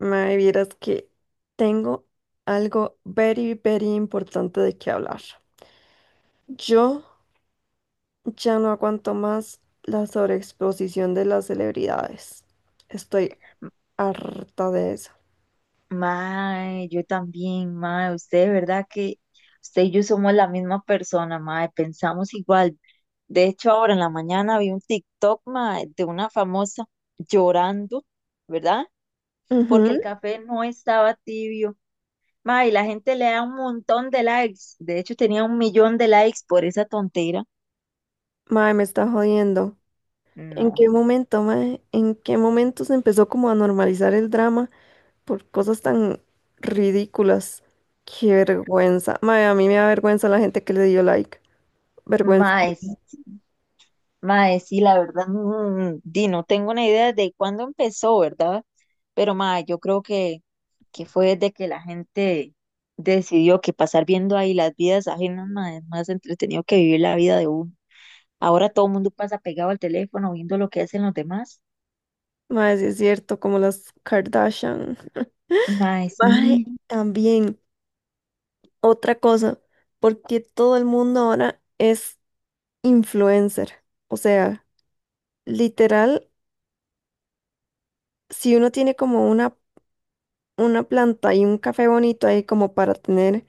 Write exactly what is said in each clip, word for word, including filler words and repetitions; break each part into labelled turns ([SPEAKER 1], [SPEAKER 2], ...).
[SPEAKER 1] Mae, vieras que tengo algo very, very importante de qué hablar. Yo ya no aguanto más la sobreexposición de las celebridades. Estoy harta de eso.
[SPEAKER 2] Mae, yo también, mae, usted, ¿de verdad que usted y yo somos la misma persona, mae? Pensamos igual. De hecho, ahora en la mañana vi un TikTok, mae, de una famosa llorando, ¿verdad? Porque
[SPEAKER 1] Ujú.
[SPEAKER 2] el café no estaba tibio. Mae, y la gente le da un montón de likes. De hecho, tenía un millón de likes por esa tontera.
[SPEAKER 1] Mae, me está jodiendo. ¿En
[SPEAKER 2] No,
[SPEAKER 1] qué momento, mae? ¿En qué momento se empezó como a normalizar el drama por cosas tan ridículas? Qué vergüenza. Mae, a mí me da vergüenza la gente que le dio like. Vergüenza.
[SPEAKER 2] mae, Mae, sí, la verdad, mm, di, no tengo una idea de cuándo empezó, ¿verdad? Pero mae, yo creo que, que fue desde que la gente decidió que pasar viendo ahí las vidas ajenas, mae, es más entretenido que vivir la vida de uno. Ahora todo el mundo pasa pegado al teléfono viendo lo que hacen los demás.
[SPEAKER 1] Mae, sí es cierto, como las Kardashian.
[SPEAKER 2] Mae,
[SPEAKER 1] Mae,
[SPEAKER 2] sí,
[SPEAKER 1] también otra cosa, porque todo el mundo ahora es influencer. O sea, literal, si uno tiene como una, una planta y un café bonito ahí como para tener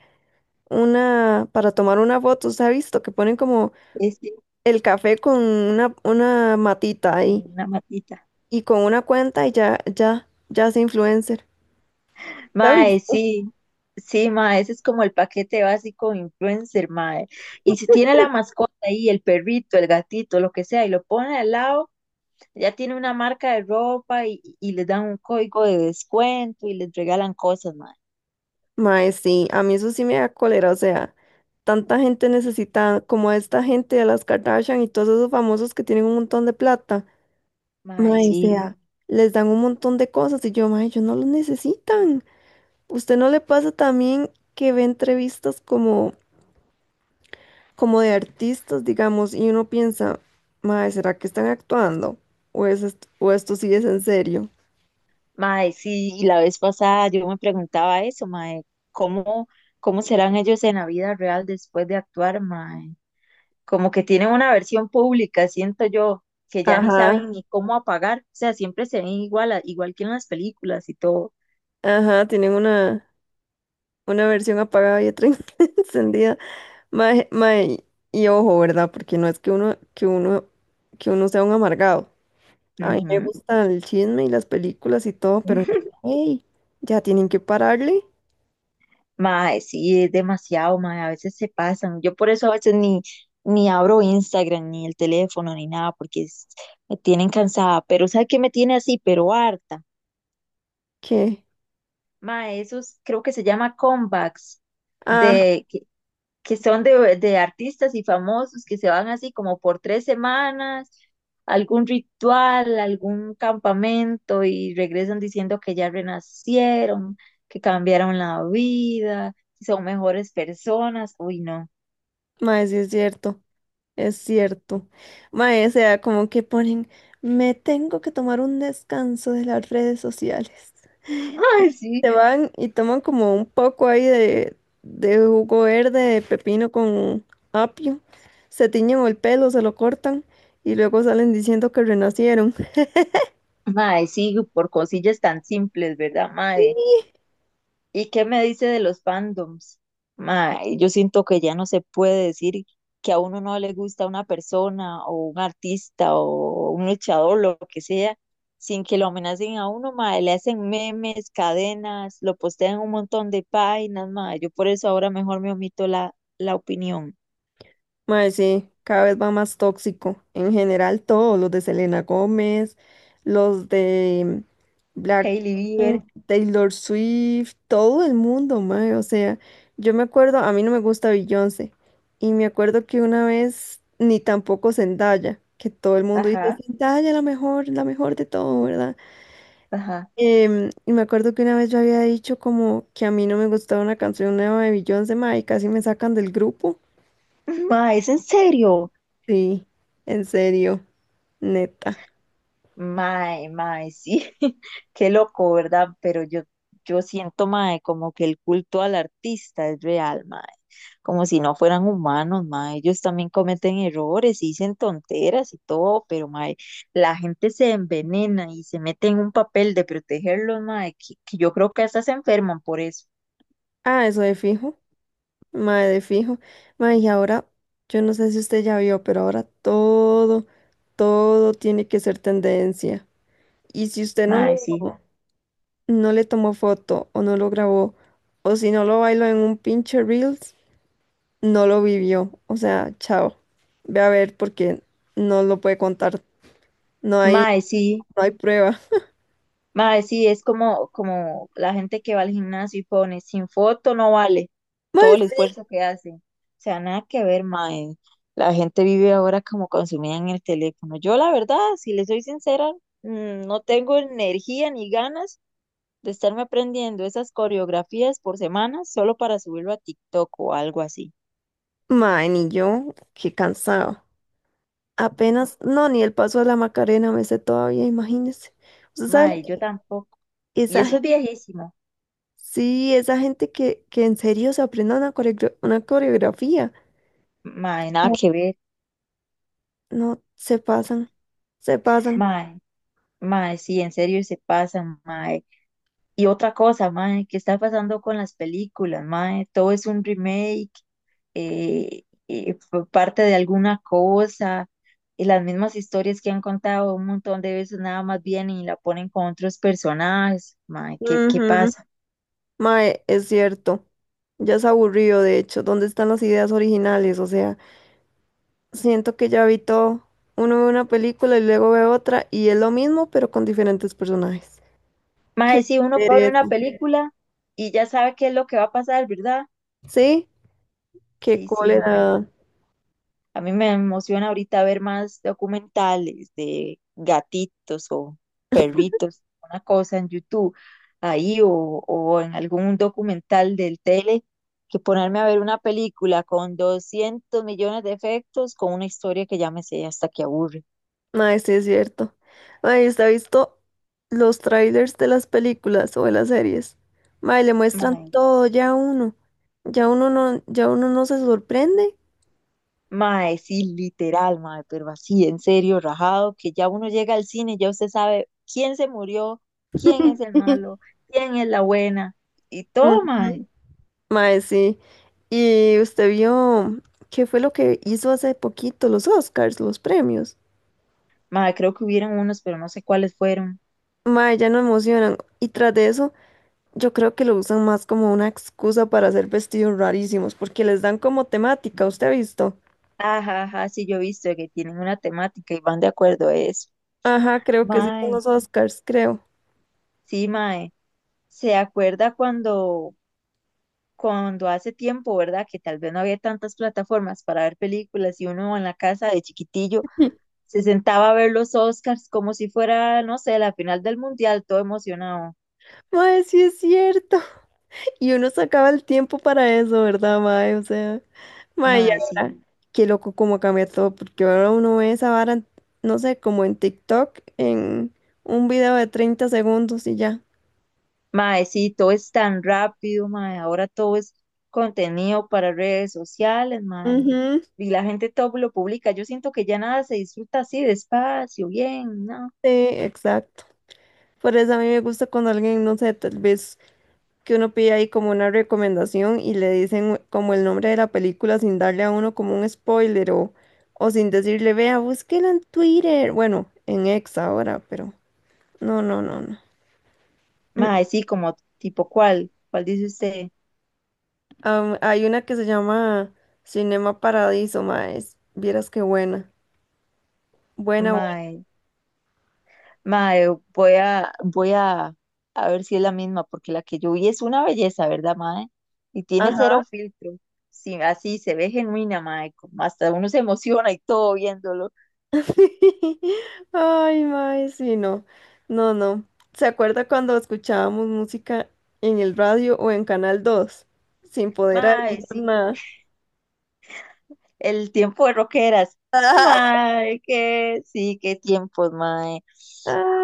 [SPEAKER 1] una, para tomar una foto, se ha visto que ponen como
[SPEAKER 2] es cierto,
[SPEAKER 1] el café con una, una matita ahí
[SPEAKER 2] una matita.
[SPEAKER 1] y con una cuenta y ya, ya, ya es influencer. ¿Se
[SPEAKER 2] Mae,
[SPEAKER 1] visto?
[SPEAKER 2] sí, sí, mae, ese es como el paquete básico de influencer, mae. Y si tiene la mascota ahí, el perrito, el gatito, lo que sea, y lo pone al lado. Ya tiene una marca de ropa y, y les dan un código de descuento y les regalan cosas, mae.
[SPEAKER 1] Mae, sí, a mí eso sí me da cólera, o sea, tanta gente necesita, como a esta gente de las Kardashian y todos esos famosos que tienen un montón de plata,
[SPEAKER 2] Mae,
[SPEAKER 1] mae, o
[SPEAKER 2] sí,
[SPEAKER 1] sea, les dan un montón de cosas y yo, mae, ellos no los necesitan. ¿Usted no le pasa también que ve entrevistas como, como de artistas, digamos, y uno piensa, mae, ¿será que están actuando? ¿O es est- o esto sí es en serio?
[SPEAKER 2] mae, sí. Y la vez pasada yo me preguntaba eso, mae, ¿cómo, ¿cómo serán ellos en la vida real después de actuar, mae? Como que tienen una versión pública, siento yo, que ya ni
[SPEAKER 1] Ajá,
[SPEAKER 2] saben ni cómo apagar. O sea, siempre se ven igual, a- igual que en las películas y todo.
[SPEAKER 1] ajá, tienen una, una versión apagada y otra encendida. Mae, mae, y ojo, ¿verdad? Porque no es que uno, que uno, que uno sea un amargado. A mí me gusta el chisme y las películas y todo, pero
[SPEAKER 2] Ujú.
[SPEAKER 1] ey, ya tienen que pararle.
[SPEAKER 2] Mae, sí, es demasiado, mae, a veces se pasan. Yo por eso a veces ni, ni abro Instagram, ni el teléfono, ni nada, porque es- me tienen cansada. Pero ¿sabe qué me tiene así? Pero harta.
[SPEAKER 1] ¿Qué?
[SPEAKER 2] Mae, esos creo que se llama comebacks,
[SPEAKER 1] Ah,
[SPEAKER 2] de, que, que son de, de artistas y famosos que se van así como por tres semanas, algún ritual, algún campamento y regresan diciendo que ya renacieron, que cambiaron la vida, que son mejores personas. Uy, no.
[SPEAKER 1] mae, sí es cierto, es cierto. Mae, o sea, como que ponen, me tengo que tomar un descanso de las redes sociales.
[SPEAKER 2] Mae, sí.
[SPEAKER 1] Se van y toman como un poco ahí de, de jugo verde, de pepino con apio, se tiñen el pelo, se lo cortan y luego salen diciendo que renacieron.
[SPEAKER 2] Mae, sí, por cosillas tan simples, ¿verdad, mae? ¿Y qué me dice de los fandoms? Mae, yo siento que ya no se puede decir que a uno no le gusta una persona o un artista o un luchador, lo que sea, sin que lo amenacen a uno, mae, le hacen memes, cadenas, lo postean en un montón de páginas, mae. Yo por eso ahora mejor me omito la, la opinión.
[SPEAKER 1] Mae, sí, cada vez va más tóxico. En general, todos los de Selena Gómez, los de
[SPEAKER 2] Hailey Bieber,
[SPEAKER 1] Blackpink, Taylor Swift, todo el mundo, mae. O sea, yo me acuerdo, a mí no me gusta Beyoncé. Y me acuerdo que una vez, ni tampoco Zendaya, que todo el mundo dice
[SPEAKER 2] ajá,
[SPEAKER 1] Zendaya la mejor, la mejor de todo, ¿verdad?
[SPEAKER 2] ajá.
[SPEAKER 1] Em, y me acuerdo que una vez yo había dicho como que a mí no me gustaba una canción nueva de Beyoncé, mae, y casi me sacan del grupo.
[SPEAKER 2] Mae, ¿es en serio?
[SPEAKER 1] Sí, en serio, neta.
[SPEAKER 2] Mae, mae, sí, qué loco, ¿verdad? Pero yo, yo siento, mae, como que el culto al artista es real, mae, como si no fueran humanos, mae, ellos también cometen errores y dicen tonteras y todo, pero, mae, la gente se envenena y se mete en un papel de protegerlos, mae, que, que yo creo que hasta se enferman por eso,
[SPEAKER 1] Ah, eso de fijo, mae de fijo. Mae, y ahora, yo no sé si usted ya vio, pero ahora todo, todo tiene que ser tendencia. Y si usted no
[SPEAKER 2] mae, sí,
[SPEAKER 1] lo, no le tomó foto o no lo grabó, o si no lo bailó en un pinche Reels, no lo vivió. O sea, chao. Ve a ver porque no lo puede contar. No hay,
[SPEAKER 2] mae, sí.
[SPEAKER 1] no hay prueba.
[SPEAKER 2] Mae, sí, es como, como la gente que va al gimnasio y pone sin foto no vale todo
[SPEAKER 1] Mae,
[SPEAKER 2] el
[SPEAKER 1] sí.
[SPEAKER 2] esfuerzo que hace. O sea, nada que ver, mae. La gente vive ahora como consumida en el teléfono. Yo, la verdad, si le soy sincera, mm, no tengo energía ni ganas de estarme aprendiendo esas coreografías por semana solo para subirlo a TikTok o algo así.
[SPEAKER 1] Mae, ni yo, qué cansado. Apenas, no, ni el paso de la Macarena me sé todavía, imagínese. Usted sabe,
[SPEAKER 2] Mae, yo tampoco. Y
[SPEAKER 1] esa
[SPEAKER 2] eso es
[SPEAKER 1] gente,
[SPEAKER 2] viejísimo.
[SPEAKER 1] sí, esa gente que, que en serio se aprenda una, coreogra- una coreografía.
[SPEAKER 2] Mae, nada
[SPEAKER 1] Sí.
[SPEAKER 2] que ver.
[SPEAKER 1] No, se pasan, se pasan.
[SPEAKER 2] Mae, mae, sí, en serio se pasan, mae. Y otra cosa, mae, ¿qué está pasando con las películas, mae? Todo es un remake, eh, eh, fue parte de alguna cosa, y las mismas historias que han contado un montón de veces nada más vienen y la ponen con otros personajes, mae, ¿qué, ¿qué
[SPEAKER 1] Ujú.
[SPEAKER 2] pasa?
[SPEAKER 1] Mae, es cierto. Ya es aburrido, de hecho. ¿Dónde están las ideas originales? O sea, siento que ya vi todo. Uno ve una película y luego ve otra y es lo mismo, pero con diferentes personajes. Qué
[SPEAKER 2] Mae, si uno pone
[SPEAKER 1] pereza.
[SPEAKER 2] una película y ya sabe qué es lo que va a pasar, ¿verdad?
[SPEAKER 1] Sí,
[SPEAKER 2] Sí,
[SPEAKER 1] qué
[SPEAKER 2] sí, mae.
[SPEAKER 1] cólera.
[SPEAKER 2] A mí me emociona ahorita ver más documentales de gatitos o perritos, una cosa en YouTube ahí o, o en algún documental del tele, que ponerme a ver una película con doscientos millones de efectos con una historia que ya me sé hasta que aburre.
[SPEAKER 1] Mae, sí es cierto. Mae, ¿usted ha visto los trailers de las películas o de las series? Mae, le muestran
[SPEAKER 2] Mae,
[SPEAKER 1] todo ya a uno. Ya uno no, ya uno no se sorprende.
[SPEAKER 2] mae, sí, literal, mae, pero así, en serio, rajado, que ya uno llega al cine y ya usted sabe quién se murió, quién es el malo, quién es la buena y todo,
[SPEAKER 1] Ujú.
[SPEAKER 2] mae.
[SPEAKER 1] Mae, sí. Y usted vio qué fue lo que hizo hace poquito los Oscars, los premios.
[SPEAKER 2] Mae, creo que hubieron unos, pero no sé cuáles fueron.
[SPEAKER 1] Mae, ya no emocionan. Y tras de eso, yo creo que lo usan más como una excusa para hacer vestidos rarísimos, porque les dan como temática, ¿usted ha visto?
[SPEAKER 2] Ajá, ajá, sí, yo he visto que tienen una temática y van de acuerdo a eso.
[SPEAKER 1] Ajá, creo que sí son
[SPEAKER 2] Mae,
[SPEAKER 1] los Oscars, creo.
[SPEAKER 2] sí, mae. ¿Se acuerda cuando, cuando hace tiempo, verdad? Que tal vez no había tantas plataformas para ver películas y uno en la casa de chiquitillo se sentaba a ver los Oscars como si fuera, no sé, la final del mundial, todo emocionado.
[SPEAKER 1] Mae, sí es cierto. Y uno sacaba el tiempo para eso, ¿verdad, mae? O sea, mae, y
[SPEAKER 2] Mae,
[SPEAKER 1] ahora,
[SPEAKER 2] sí.
[SPEAKER 1] qué loco cómo cambia todo, porque ahora uno ve esa vara, en- no sé, como en TikTok, en un video de treinta segundos y ya.
[SPEAKER 2] Mae, sí, todo es tan rápido, mae. Ahora todo es contenido para redes sociales, mae.
[SPEAKER 1] Ujú.
[SPEAKER 2] Y la gente todo lo publica. Yo siento que ya nada se disfruta así, despacio, bien, ¿no?
[SPEAKER 1] Sí, exacto. Por eso a mí me gusta cuando alguien, no sé, tal vez que uno pide ahí como una recomendación y le dicen como el nombre de la película sin darle a uno como un spoiler o, o sin decirle, vea, búsquela en Twitter. Bueno, en X ahora, pero... No, no, no, no.
[SPEAKER 2] Mae, sí, como tipo cuál, cuál dice usted,
[SPEAKER 1] Am- hay una que se llama Cinema Paradiso, maes. Vieras qué buena. Buena, buena.
[SPEAKER 2] mae. Mae, voy a, voy a, a ver si es la misma, porque la que yo vi es una belleza, ¿verdad, mae? Y tiene cero
[SPEAKER 1] Ajá.
[SPEAKER 2] filtro. Sí, así se ve genuina, mae. Como hasta uno se emociona y todo viéndolo.
[SPEAKER 1] Ay, maes, sí, no. No, no. ¿Se acuerda cuando escuchábamos música en el radio o en Canal Dos, sin poder
[SPEAKER 2] Mae,
[SPEAKER 1] adelantar
[SPEAKER 2] sí.
[SPEAKER 1] nada?
[SPEAKER 2] El tiempo de roqueras. Mae, que sí, qué tiempos, mae.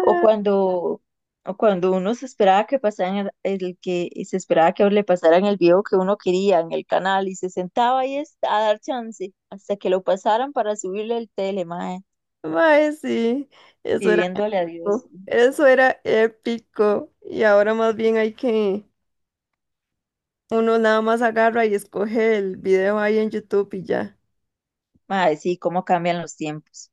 [SPEAKER 2] O cuando, o cuando uno se esperaba que pasaran el, el que se esperaba que le pasaran el video que uno quería en el canal y se sentaba ahí es- a dar chance hasta que lo pasaran para subirle el tele, mae,
[SPEAKER 1] mae, sí, eso era
[SPEAKER 2] pidiéndole a Dios.
[SPEAKER 1] algo, eso era épico. Y ahora más bien hay que, uno nada más agarra y escoge el video ahí en YouTube y ya.
[SPEAKER 2] Mae, sí, cómo cambian los tiempos.